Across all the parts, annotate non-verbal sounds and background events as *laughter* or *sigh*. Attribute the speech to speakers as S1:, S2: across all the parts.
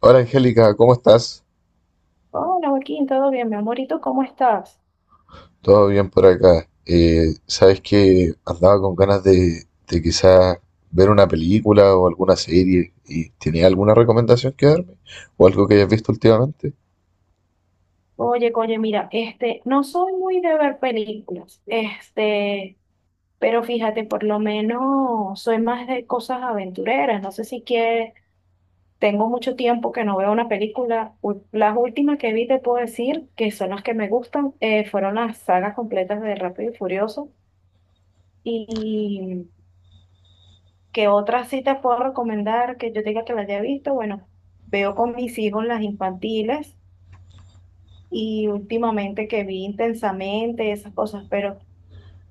S1: Hola Angélica, ¿cómo estás?
S2: Hola Joaquín, ¿todo bien, mi amorito? ¿Cómo estás?
S1: ¿Todo bien por acá? Sabes que andaba con ganas de, quizás ver una película o alguna serie y tenía alguna recomendación que darme? ¿O algo que hayas visto últimamente?
S2: Oye, mira, este, no soy muy de ver películas, este, pero fíjate, por lo menos soy más de cosas aventureras. No sé si quieres, tengo mucho tiempo que no veo una película. Las últimas que vi, te puedo decir, que son las que me gustan, fueron las sagas completas de Rápido y Furioso. Y que otras sí te puedo recomendar que yo diga que las haya visto, bueno, veo con mis hijos las infantiles y últimamente que vi intensamente esas cosas, pero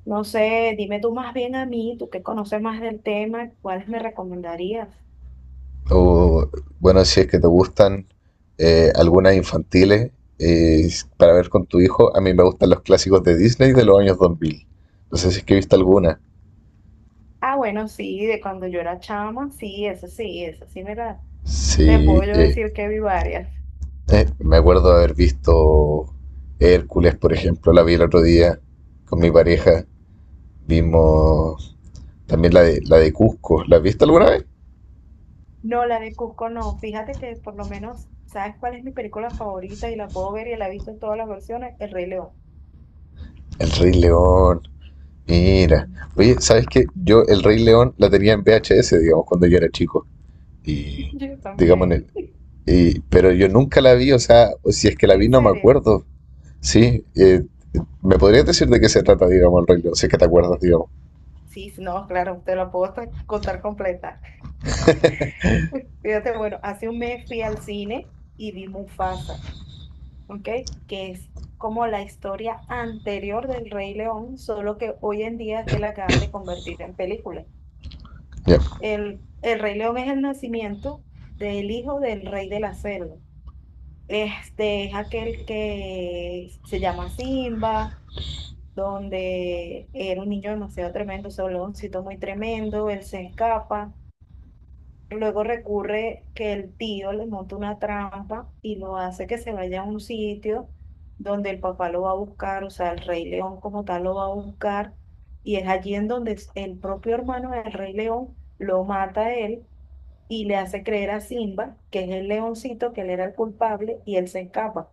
S2: no sé, dime tú más bien a mí, tú que conoces más del tema, ¿cuáles me recomendarías?
S1: O bueno, si es que te gustan algunas infantiles, eh, para ver con tu hijo, a mí me gustan los clásicos de Disney de los años 2000. No sé si es que viste alguna.
S2: Ah, bueno, sí, de cuando yo era chama, sí, eso sí, eso sí, mira, te
S1: Sí,
S2: puedo yo
S1: eh,
S2: decir que vi varias.
S1: Me acuerdo de haber visto Hércules, por ejemplo, la vi el otro día con mi pareja. Vimos también la de Cusco. ¿La has visto alguna vez?
S2: No, la de Cusco no, fíjate que por lo menos, ¿sabes cuál es mi película favorita? Y la puedo ver y la he visto en todas las versiones, El Rey León.
S1: El Rey León. Mira.
S2: *laughs*
S1: Oye, ¿sabes qué? Yo el Rey León la tenía en VHS, digamos, cuando yo era chico. Y,
S2: Yo
S1: digamos, en el-
S2: también.
S1: pero yo nunca la vi, o sea, si es que
S2: *laughs*
S1: la vi
S2: ¿En
S1: no me
S2: serio?
S1: acuerdo. Sí, eh, ¿Me podrías decir de qué se trata, digamos, el Rey León? Si es que te acuerdas, digamos.
S2: Sí, sí, no, claro, te la puedo hasta contar completa. *laughs* Uy, fíjate, bueno, hace un mes fui al cine y vi Mufasa, ¿ok? Que es como la historia anterior del Rey León, solo que hoy en día es que la acaban de convertir en película.
S1: Ya,
S2: El Rey León es el nacimiento del hijo del Rey de la Selva. Este es aquel que se llama Simba, donde era un niño demasiado tremendo, soloncito muy tremendo, él se escapa. Luego recurre que el tío le monta una trampa y lo hace que se vaya a un sitio donde el papá lo va a buscar, o sea, el Rey León como tal lo va a buscar, y es allí en donde el propio hermano del Rey León lo mata a él y le hace creer a Simba, que es el leoncito, que él era el culpable y él se escapa.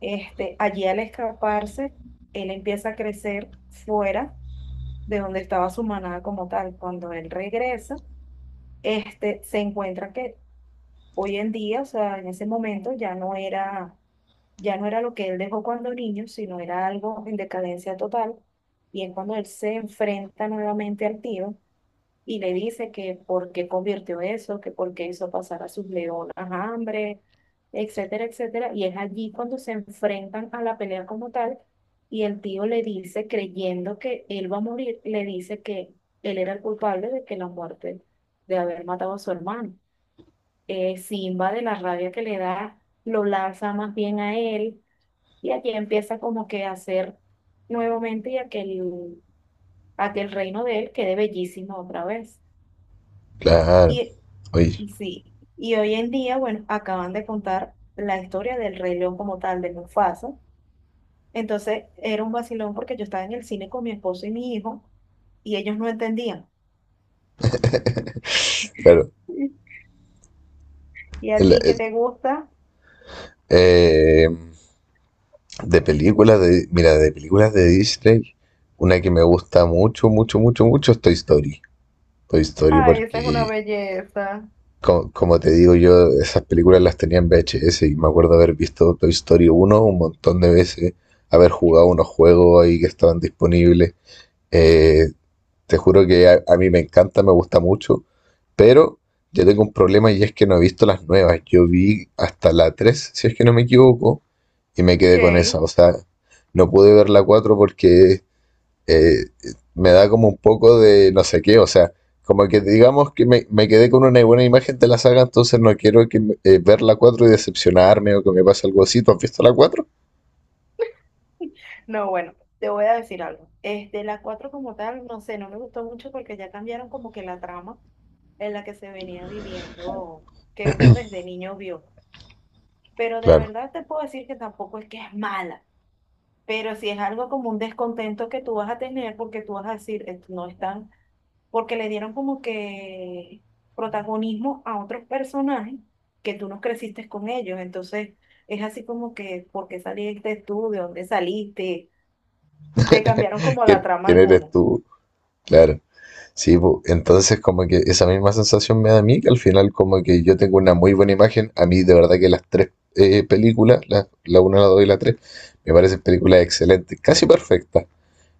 S2: Este, allí al escaparse, él empieza a crecer fuera de donde estaba su manada como tal. Cuando él regresa, este, se encuentra que hoy en día, o sea, en ese momento ya no era lo que él dejó cuando niño, sino era algo en decadencia total. Y es cuando él se enfrenta nuevamente al tío y le dice que por qué convirtió eso, que por qué hizo pasar a sus leonas hambre, etcétera, etcétera. Y es allí cuando se enfrentan a la pelea como tal. Y el tío le dice, creyendo que él va a morir, le dice que él era el culpable de que la muerte, de haber matado a su hermano. Simba, de la rabia que le da, lo lanza más bien a él y allí empieza como que a hacer nuevamente y aquel reino de él quede bellísimo otra vez.
S1: claro.
S2: Y
S1: Oye,
S2: sí, y hoy en día, bueno, acaban de contar la historia del Rey León como tal, de Mufasa. Entonces era un vacilón porque yo estaba en el cine con mi esposo y mi hijo y ellos no entendían.
S1: claro.
S2: *laughs* ¿Y a ti qué
S1: El,
S2: te gusta?
S1: Eh, de películas de, mira, de películas de Disney, una que me gusta mucho, mucho, mucho, mucho es Toy Story. Toy Story
S2: Ay, esa es una
S1: porque,
S2: belleza.
S1: Como, te digo yo, esas películas las tenía en VHS y me acuerdo haber visto Toy Story uno un montón de veces, haber jugado unos juegos ahí que estaban disponibles. Eh, Te juro que a mí me encanta, me gusta mucho, pero yo tengo un problema y es que no he visto las nuevas. Yo vi hasta la 3, si es que no me equivoco, y me
S2: Ok.
S1: quedé con esa. O sea, no pude ver la 4 porque eh, me da como un poco de no sé qué. O sea, como que digamos que me quedé con una buena imagen de la saga, entonces no quiero ver la 4 y decepcionarme o que me pase algo así. ¿Tú has visto la cuatro?
S2: No, bueno, te voy a decir algo. Este, la 4 como tal, no sé, no me gustó mucho porque ya cambiaron como que la trama en la que se venía viviendo, que uno desde niño vio. Pero de
S1: Claro.
S2: verdad te puedo decir que tampoco es que es mala, pero si es algo como un descontento que tú vas a tener porque tú vas a decir, no están, porque le dieron como que protagonismo a otros personajes que tú no creciste con ellos". Entonces es así como que, ¿por qué saliste tú? ¿De dónde saliste? Te cambiaron
S1: *laughs*
S2: como la
S1: ¿Quién,
S2: trama
S1: quién eres
S2: alguna.
S1: tú? Claro. Sí, po. Entonces como que esa misma sensación me da a mí, que al final como que yo tengo una muy buena imagen, a mí de verdad que las tres películas, la una, la 2 y la 3 me parecen películas excelentes, casi perfectas.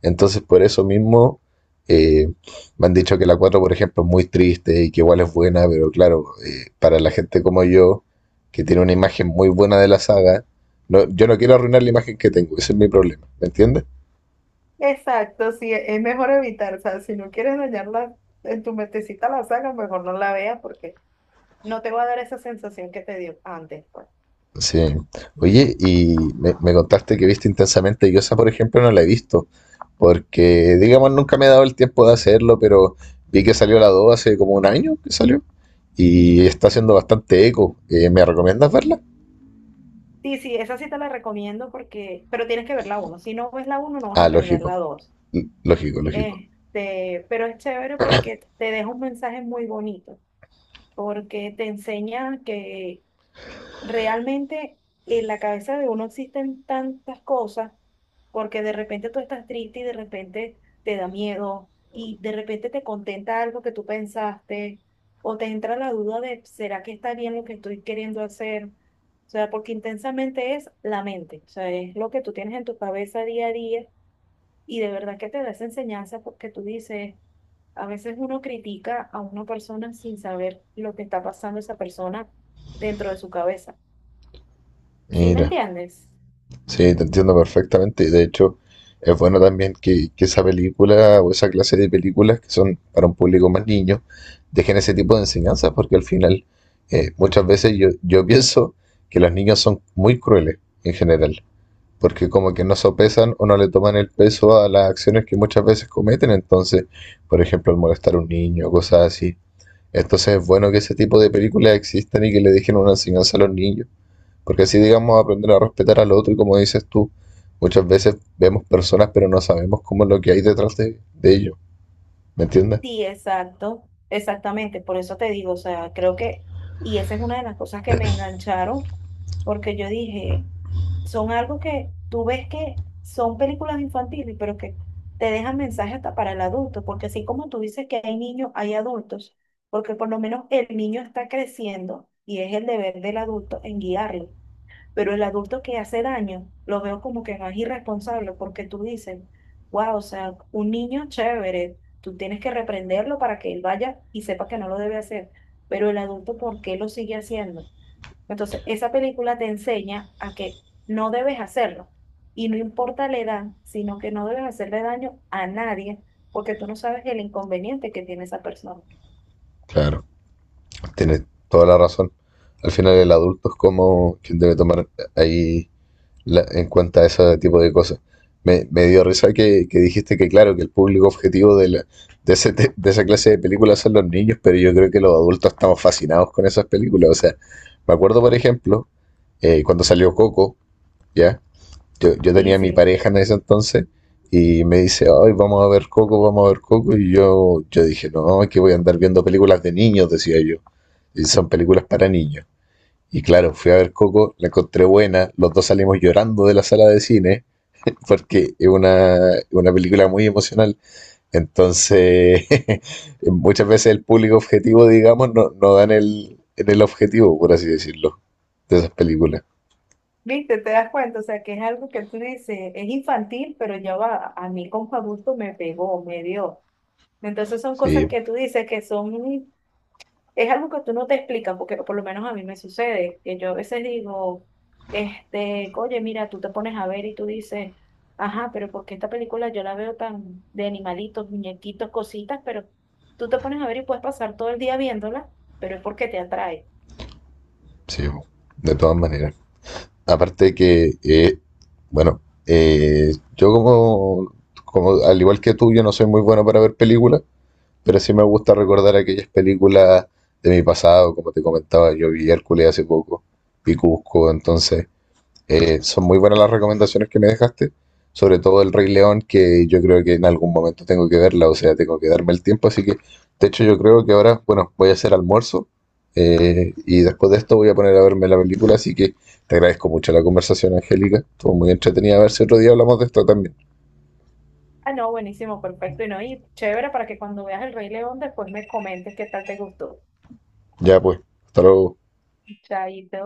S1: Entonces por eso mismo, eh, me han dicho que la cuatro, por ejemplo, es muy triste y que igual es buena, pero claro, para la gente como yo, que tiene una imagen muy buena de la saga, no, yo no quiero arruinar la imagen que tengo, ese es mi problema, ¿me entiendes?
S2: Exacto, sí, es mejor evitar, o sea, si no quieres dañarla en tu mentecita la saga, mejor no la veas porque no te va a dar esa sensación que te dio antes, pues.
S1: Sí. Oye, y me contaste que viste intensamente. Y yo esa, por ejemplo, no la he visto. Porque, digamos, nunca me he dado el tiempo de hacerlo, pero vi que salió la 2 hace como un año que salió. Y está haciendo bastante eco. ¿Me recomiendas verla?
S2: Sí, sí, esa sí te la recomiendo porque, pero tienes que ver la 1. Si no ves la uno no vas a
S1: Ah,
S2: entender la
S1: lógico.
S2: dos.
S1: Lógico, lógico.
S2: Este, pero es chévere porque te deja un mensaje muy bonito, porque te enseña que realmente en la cabeza de uno existen tantas cosas, porque de repente tú estás triste y de repente te da miedo y de repente te contenta algo que tú pensaste o te entra la duda de, ¿será que está bien lo que estoy queriendo hacer? O sea, porque intensamente es la mente, o sea, es lo que tú tienes en tu cabeza día a día y de verdad que te da esa enseñanza porque tú dices, a veces uno critica a una persona sin saber lo que está pasando esa persona dentro de su cabeza. ¿Sí me
S1: Mira.
S2: entiendes?
S1: Sí, te entiendo perfectamente. Y de hecho, es bueno también que esa película o esa clase de películas que son para un público más niño dejen ese tipo de enseñanzas, porque al final, muchas veces yo pienso que los niños son muy crueles en general, porque como que no sopesan o no le toman el peso a las acciones que muchas veces cometen, entonces, por ejemplo, al molestar a un niño, cosas así. Entonces es bueno que ese tipo de películas existan y que le dejen una enseñanza a los niños. Porque así, digamos, aprender a respetar al otro y como dices tú, muchas veces vemos personas pero no sabemos cómo es lo que hay detrás de ellos, ¿me entiendes?
S2: Sí, exacto, exactamente, por eso te digo, o sea, creo que, y esa es una de las cosas que me engancharon, porque yo dije, son algo que tú ves que son películas infantiles, pero que te dejan mensajes hasta para el adulto, porque así como tú dices que hay niños, hay adultos, porque por lo menos el niño está creciendo y es el deber del adulto en guiarlo. Pero el adulto que hace daño, lo veo como que más irresponsable porque tú dices, wow, o sea, un niño chévere, tú tienes que reprenderlo para que él vaya y sepa que no lo debe hacer. Pero el adulto, ¿por qué lo sigue haciendo? Entonces, esa película te enseña a que no debes hacerlo. Y no importa la edad, sino que no debes hacerle daño a nadie porque tú no sabes el inconveniente que tiene esa persona.
S1: Claro, tienes toda la razón. Al final el adulto es como quien debe tomar ahí en cuenta ese tipo de cosas. Me dio risa que dijiste que claro, que el público objetivo de, la- de, ese te- de esa clase de películas son los niños, pero yo creo que los adultos estamos fascinados con esas películas. O sea, me acuerdo, por ejemplo, cuando salió Coco, ¿ya? Yo
S2: Sí,
S1: tenía a mi
S2: sí.
S1: pareja en ese entonces y me dice, ay, vamos a ver Coco, vamos a ver Coco. Y yo dije, no, es que voy a andar viendo películas de niños, decía yo. Y son películas para niños. Y claro, fui a ver Coco, la encontré buena, los dos salimos llorando de la sala de cine porque es una película muy emocional. Entonces, *laughs* muchas veces el público objetivo, digamos, no, no da en el objetivo, por así decirlo, de esas películas.
S2: ¿Viste? ¿Te das cuenta? O sea, que es algo que tú dices, es infantil, pero ya va, a mí como adulto me pegó, me dio. Entonces son cosas
S1: Sí,
S2: que tú dices que son, es algo que tú no te explicas, porque por lo menos a mí me sucede, que yo a veces digo, este, oye, mira, tú te pones a ver y tú dices, ajá, pero ¿por qué esta película yo la veo tan de animalitos, muñequitos, cositas, pero tú te pones a ver y puedes pasar todo el día viéndola, pero es porque te atrae.
S1: sí, de todas maneras. Aparte que, bueno, yo como, como, al igual que tú, yo no soy muy bueno para ver películas, pero sí me gusta recordar aquellas películas de mi pasado, como te comentaba, yo vi Hércules hace poco, vi Cusco, entonces, son muy buenas las recomendaciones que me dejaste, sobre todo el Rey León, que yo creo que en algún momento tengo que verla, o sea, tengo que darme el tiempo, así que de hecho yo creo que ahora, bueno, voy a hacer almuerzo, y después de esto voy a poner a verme la película, así que te agradezco mucho la conversación, Angélica, estuvo muy entretenida, a ver si otro día hablamos de esto también.
S2: Ah, no, buenísimo, perfecto. Y no, y chévere para que cuando veas El Rey León después me comentes qué tal te gustó.
S1: Ya pues, hasta luego.
S2: Chaito.